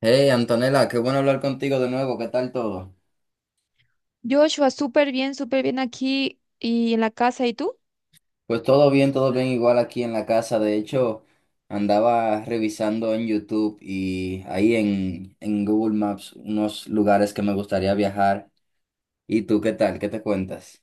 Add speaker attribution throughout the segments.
Speaker 1: Hey, Antonella, qué bueno hablar contigo de nuevo. ¿Qué tal todo?
Speaker 2: Joshua, súper bien aquí y en la casa. ¿Y tú?
Speaker 1: Pues todo bien, igual aquí en la casa. De hecho, andaba revisando en YouTube y ahí en Google Maps unos lugares que me gustaría viajar. ¿Y tú qué tal? ¿Qué te cuentas?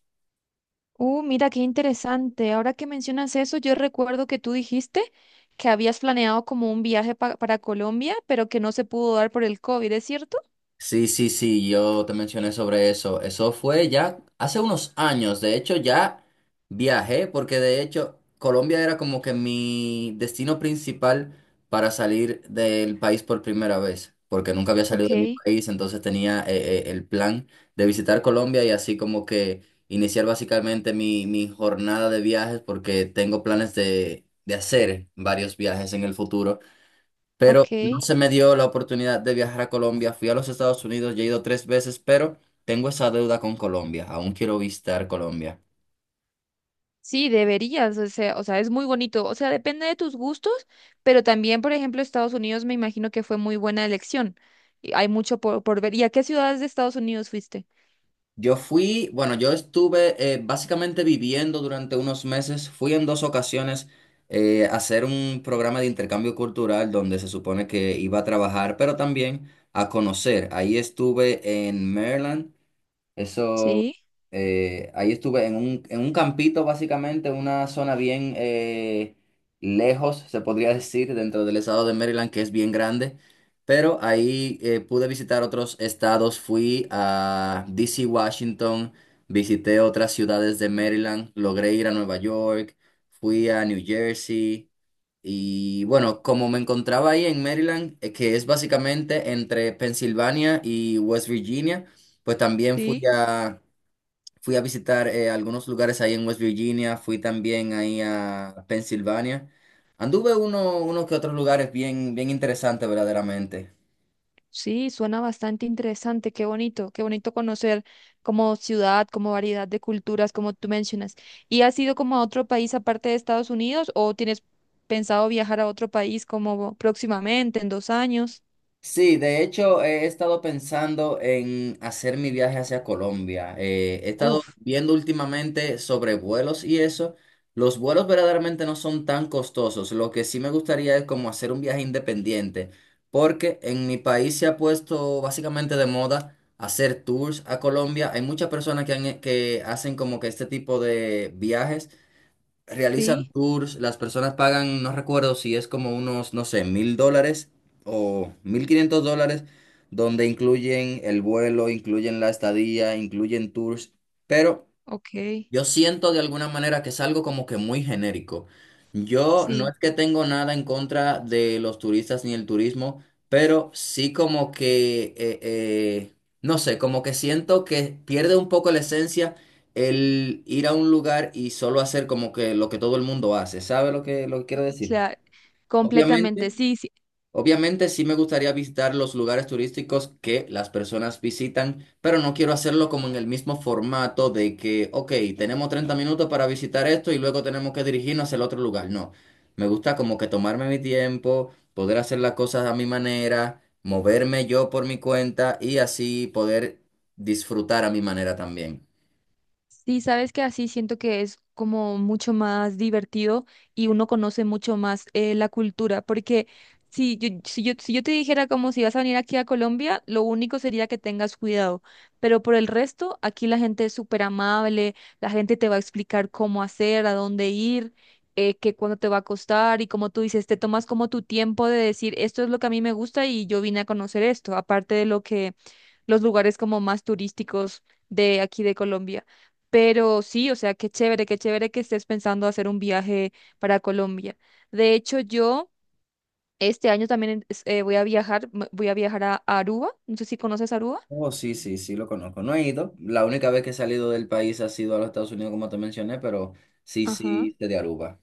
Speaker 2: Mira, qué interesante. Ahora que mencionas eso, yo recuerdo que tú dijiste que habías planeado como un viaje para Colombia, pero que no se pudo dar por el COVID, ¿es cierto?
Speaker 1: Sí, sí, sí, yo te mencioné sobre eso. Eso fue ya hace unos años. De hecho, ya viajé porque de hecho Colombia era como que mi destino principal para salir del país por primera vez, porque nunca había
Speaker 2: Ok,
Speaker 1: salido de mi país, entonces tenía el plan de visitar Colombia y así como que iniciar básicamente mi jornada de viajes porque tengo planes de hacer varios viajes en el futuro,
Speaker 2: ok.
Speaker 1: pero no se me dio la oportunidad de viajar a Colombia. Fui a los Estados Unidos, ya he ido tres veces, pero tengo esa deuda con Colombia. Aún quiero visitar Colombia.
Speaker 2: Sí, deberías, o sea, es muy bonito. O sea, depende de tus gustos, pero también, por ejemplo, Estados Unidos me imagino que fue muy buena elección. Y hay mucho por ver. ¿Y a qué ciudades de Estados Unidos fuiste?
Speaker 1: Bueno, yo estuve básicamente viviendo durante unos meses. Fui en dos ocasiones a hacer un programa de intercambio cultural donde se supone que iba a trabajar, pero también a conocer. Ahí estuve en Maryland. Eso
Speaker 2: Sí,
Speaker 1: Ahí estuve en un campito, básicamente, una zona bien lejos, se podría decir, dentro del estado de Maryland, que es bien grande. Pero ahí pude visitar otros estados, fui a DC, Washington, visité otras ciudades de Maryland, logré ir a Nueva York, fui a New Jersey. Y bueno, como me encontraba ahí en Maryland, que es básicamente entre Pensilvania y West Virginia, pues también fui
Speaker 2: sí.
Speaker 1: a Fui a visitar algunos lugares ahí en West Virginia, fui también ahí a Pensilvania. Anduve unos que otros lugares bien, bien interesantes verdaderamente.
Speaker 2: Sí, suena bastante interesante, qué bonito conocer como ciudad, como variedad de culturas, como tú mencionas. ¿Y has ido como a otro país aparte de Estados Unidos o tienes pensado viajar a otro país como próximamente, en dos años?
Speaker 1: Sí, de hecho he estado pensando en hacer mi viaje hacia Colombia. He estado
Speaker 2: Uf,
Speaker 1: viendo últimamente sobre vuelos y eso. Los vuelos verdaderamente no son tan costosos. Lo que sí me gustaría es como hacer un viaje independiente, porque en mi país se ha puesto básicamente de moda hacer tours a Colombia. Hay muchas personas que hacen como que este tipo de viajes realizan
Speaker 2: sí,
Speaker 1: tours, las personas pagan, no recuerdo si es como unos, no sé, $1,000 o $1,500, donde incluyen el vuelo, incluyen la estadía, incluyen tours, pero
Speaker 2: ok,
Speaker 1: yo siento de alguna manera que es algo como que muy genérico. Yo no
Speaker 2: sí,
Speaker 1: es que tengo nada en contra de los turistas ni el turismo, pero sí como que, no sé, como que siento que pierde un poco la esencia el ir a un lugar y solo hacer como que lo que todo el mundo hace. ¿Sabe lo que quiero decir?
Speaker 2: claro,
Speaker 1: Obviamente.
Speaker 2: completamente, sí, sí.
Speaker 1: Obviamente sí me gustaría visitar los lugares turísticos que las personas visitan, pero no quiero hacerlo como en el mismo formato de que, ok, tenemos 30 minutos para visitar esto y luego tenemos que dirigirnos hacia el otro lugar. No, me gusta como que tomarme mi tiempo, poder hacer las cosas a mi manera, moverme yo por mi cuenta y así poder disfrutar a mi manera también.
Speaker 2: Sí, sabes que así siento que es como mucho más divertido y uno conoce mucho más la cultura, porque si yo te dijera como si vas a venir aquí a Colombia, lo único sería que tengas cuidado, pero por el resto, aquí la gente es súper amable, la gente te va a explicar cómo hacer, a dónde ir, que cuándo te va a costar y como tú dices, te tomas como tu tiempo de decir, esto es lo que a mí me gusta y yo vine a conocer esto, aparte de lo que los lugares como más turísticos de aquí de Colombia. Pero sí, o sea, qué chévere que estés pensando hacer un viaje para Colombia. De hecho, yo este año también voy a viajar a Aruba. No sé si conoces Aruba.
Speaker 1: Oh, sí, sí, sí, lo conozco. No he ido. La única vez que he salido del país ha sido a los Estados Unidos, como te mencioné, pero sí,
Speaker 2: Ajá.
Speaker 1: sí, de Aruba.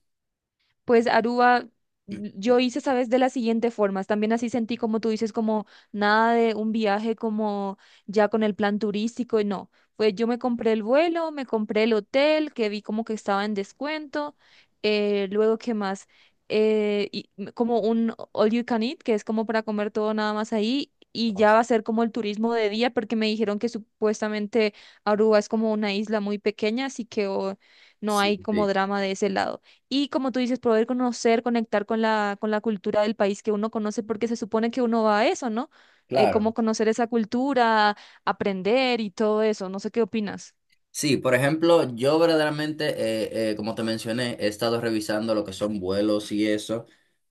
Speaker 2: Pues Aruba, yo hice, sabes, de las siguientes formas. También así sentí, como tú dices, como nada de un viaje como ya con el plan turístico. Y no, pues yo me compré el vuelo, me compré el hotel, que vi como que estaba en descuento. Eh, luego, ¿qué más? Y como un all you can eat, que es como para comer todo nada más ahí. Y ya va a ser como el turismo de día, porque me dijeron que supuestamente Aruba es como una isla muy pequeña, así que oh, no
Speaker 1: Sí,
Speaker 2: hay como
Speaker 1: sí,
Speaker 2: drama de ese lado. Y como tú dices, poder conocer, conectar con la cultura del país que uno conoce, porque se supone que uno va a eso, ¿no? Como
Speaker 1: claro.
Speaker 2: conocer esa cultura, aprender y todo eso. No sé qué opinas.
Speaker 1: Sí, por ejemplo, yo verdaderamente, como te mencioné, he estado revisando lo que son vuelos y eso,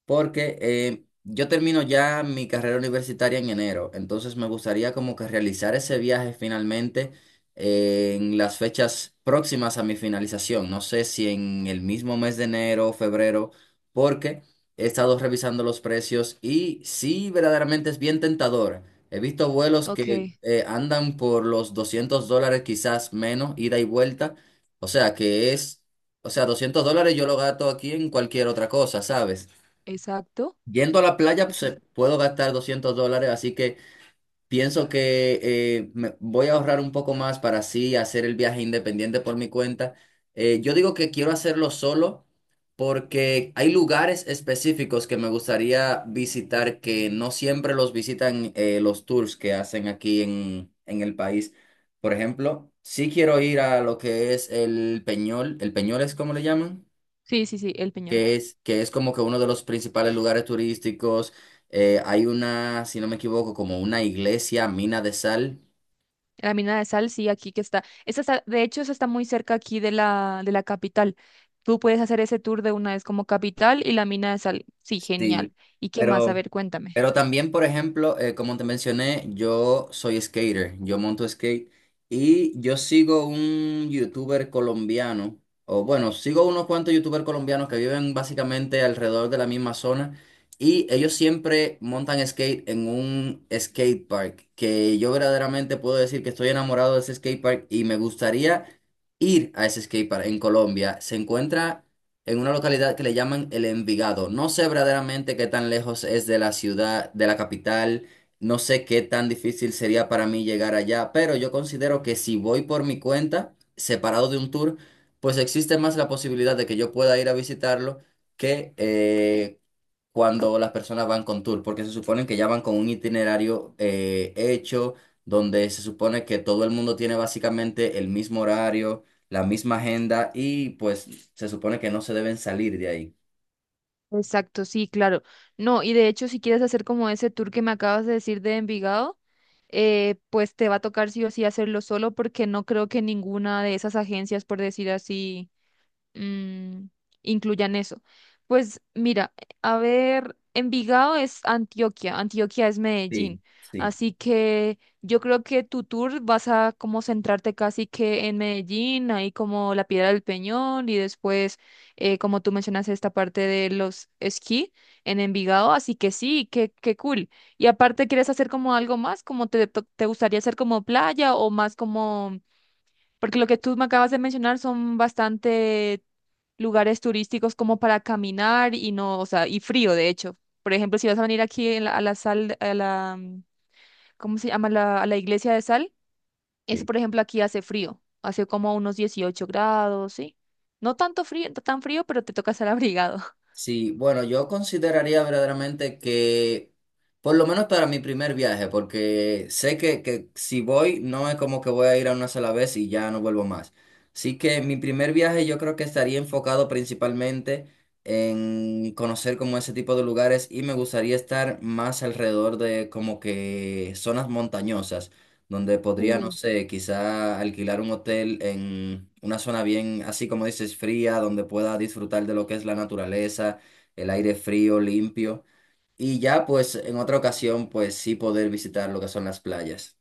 Speaker 1: porque yo termino ya mi carrera universitaria en enero, entonces me gustaría como que realizar ese viaje finalmente en las fechas próximas a mi finalización, no sé si en el mismo mes de enero o febrero, porque he estado revisando los precios y sí, verdaderamente es bien tentador. He visto vuelos que
Speaker 2: Ok,
Speaker 1: andan por los $200, quizás menos, ida y vuelta. O sea, que es, o sea, $200 yo lo gasto aquí en cualquier otra cosa, ¿sabes?
Speaker 2: exacto.
Speaker 1: Yendo a la playa, pues,
Speaker 2: Esa.
Speaker 1: puedo gastar $200, así que pienso que voy a ahorrar un poco más para así hacer el viaje independiente por mi cuenta. Yo digo que quiero hacerlo solo porque hay lugares específicos que me gustaría visitar que no siempre los visitan los tours que hacen aquí en el país. Por ejemplo, sí quiero ir a lo que es el Peñol. ¿El Peñol es como le llaman?
Speaker 2: Sí, sí, sí, el Peñón.
Speaker 1: Que es como que uno de los principales lugares turísticos. Hay una, si no me equivoco, como una iglesia, mina de sal.
Speaker 2: La mina de sal, sí, aquí que está. Esa está, de hecho, esa está muy cerca aquí de la capital. Tú puedes hacer ese tour de una vez como capital y la mina de sal. Sí, genial.
Speaker 1: Sí,
Speaker 2: ¿Y qué más? A
Speaker 1: pero
Speaker 2: ver, cuéntame.
Speaker 1: Pero también, por ejemplo, como te mencioné, yo soy skater, yo monto skate y yo sigo un youtuber colombiano, o bueno, sigo unos cuantos youtubers colombianos que viven básicamente alrededor de la misma zona y ellos siempre montan skate en un skate park, que yo verdaderamente puedo decir que estoy enamorado de ese skate park y me gustaría ir a ese skate park en Colombia. Se encuentra en una localidad que le llaman El Envigado. No sé verdaderamente qué tan lejos es de la ciudad, de la capital, no sé qué tan difícil sería para mí llegar allá, pero yo considero que si voy por mi cuenta, separado de un tour, pues existe más la posibilidad de que yo pueda ir a visitarlo que cuando las personas van con tour, porque se supone que ya van con un itinerario hecho, donde se supone que todo el mundo tiene básicamente el mismo horario, la misma agenda y pues se supone que no se deben salir de ahí.
Speaker 2: Exacto, sí, claro. No, y de hecho, si quieres hacer como ese tour que me acabas de decir de Envigado, pues te va a tocar sí o sí hacerlo solo porque no creo que ninguna de esas agencias, por decir así, mm, incluyan eso. Pues mira, a ver, Envigado es Antioquia, Antioquia es
Speaker 1: Sí,
Speaker 2: Medellín,
Speaker 1: sí,
Speaker 2: así que yo creo que tu tour vas a como centrarte casi que en Medellín, ahí como la Piedra del Peñón y después, como tú mencionas, esta parte de los esquí en Envigado, así que sí, qué, qué cool. Y aparte, ¿quieres hacer como algo más? ¿Como te gustaría hacer como playa o más como... Porque lo que tú me acabas de mencionar son bastante lugares turísticos como para caminar y no, o sea, y frío, de hecho. Por ejemplo, si vas a venir aquí en a la sal, a la, mm, ¿cómo se llama? A la iglesia de sal, es,
Speaker 1: sí.
Speaker 2: por ejemplo, aquí hace frío, hace como unos 18 grados, ¿sí? No tanto frío, tan frío, pero te toca estar abrigado.
Speaker 1: Sí, bueno, yo consideraría verdaderamente que, por lo menos para mi primer viaje, porque sé que si voy, no es como que voy a ir a una sola vez y ya no vuelvo más. Así que mi primer viaje yo creo que estaría enfocado principalmente en conocer como ese tipo de lugares y me gustaría estar más alrededor de como que zonas montañosas, donde podría, no sé, quizá alquilar un hotel en una zona bien, así como dices, fría, donde pueda disfrutar de lo que es la naturaleza, el aire frío, limpio, y ya pues en otra ocasión pues sí poder visitar lo que son las playas.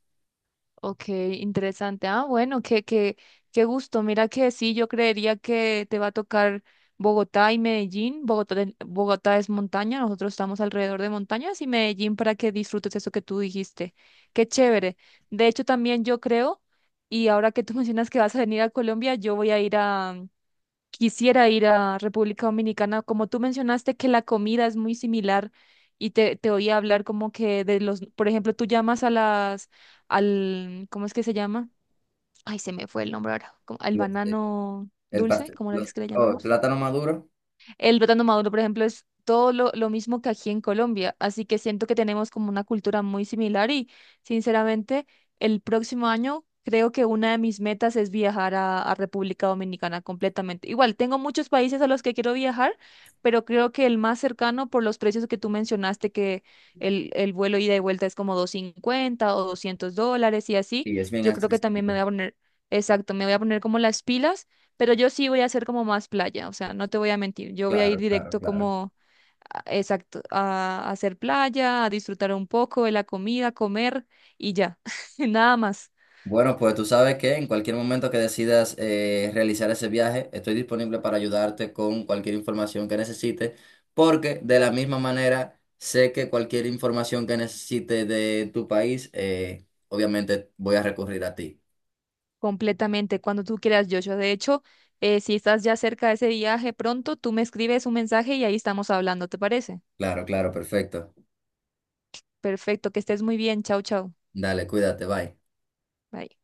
Speaker 2: Ok, interesante. Ah, bueno, qué, qué, qué gusto. Mira que sí, yo creería que te va a tocar Bogotá y Medellín. Bogotá, Bogotá es montaña, nosotros estamos alrededor de montañas y Medellín para que disfrutes eso que tú dijiste. Qué chévere. De hecho, también yo creo, y ahora que tú mencionas que vas a venir a Colombia, yo voy a ir, quisiera ir a República Dominicana, como tú mencionaste que la comida es muy similar y te oí hablar como que de los, por ejemplo, tú llamas a las, al, ¿cómo es que se llama? Ay, se me fue el nombre ahora, al
Speaker 1: Los-
Speaker 2: banano
Speaker 1: El
Speaker 2: dulce,
Speaker 1: pastel,
Speaker 2: ¿cómo es que le
Speaker 1: el
Speaker 2: llamamos?
Speaker 1: plátano maduro,
Speaker 2: El plátano maduro, por ejemplo, es todo lo mismo que aquí en Colombia, así que siento que tenemos como una cultura muy similar y sinceramente el próximo año creo que una de mis metas es viajar a República Dominicana completamente. Igual, tengo muchos países a los que quiero viajar, pero creo que el más cercano por los precios que tú mencionaste, que el vuelo ida y vuelta es como 250 o $200 y así,
Speaker 1: sí, es bien
Speaker 2: yo creo que también me
Speaker 1: accesible.
Speaker 2: voy a poner, exacto, me voy a poner como las pilas, pero yo sí voy a hacer como más playa, o sea, no te voy a mentir, yo voy a ir
Speaker 1: Claro, claro,
Speaker 2: directo
Speaker 1: claro.
Speaker 2: como, exacto, a hacer playa, a disfrutar un poco de la comida, comer y ya, nada más,
Speaker 1: Bueno, pues tú sabes que en cualquier momento que decidas realizar ese viaje, estoy disponible para ayudarte con cualquier información que necesites, porque de la misma manera sé que cualquier información que necesite de tu país, obviamente voy a recurrir a ti.
Speaker 2: completamente, cuando tú quieras, Joshua. De hecho, si estás ya cerca de ese viaje pronto, tú me escribes un mensaje y ahí estamos hablando, ¿te parece?
Speaker 1: Claro, claro, perfecto.
Speaker 2: Perfecto, que estés muy bien, chao, chao.
Speaker 1: Dale, cuídate, bye.
Speaker 2: Bye.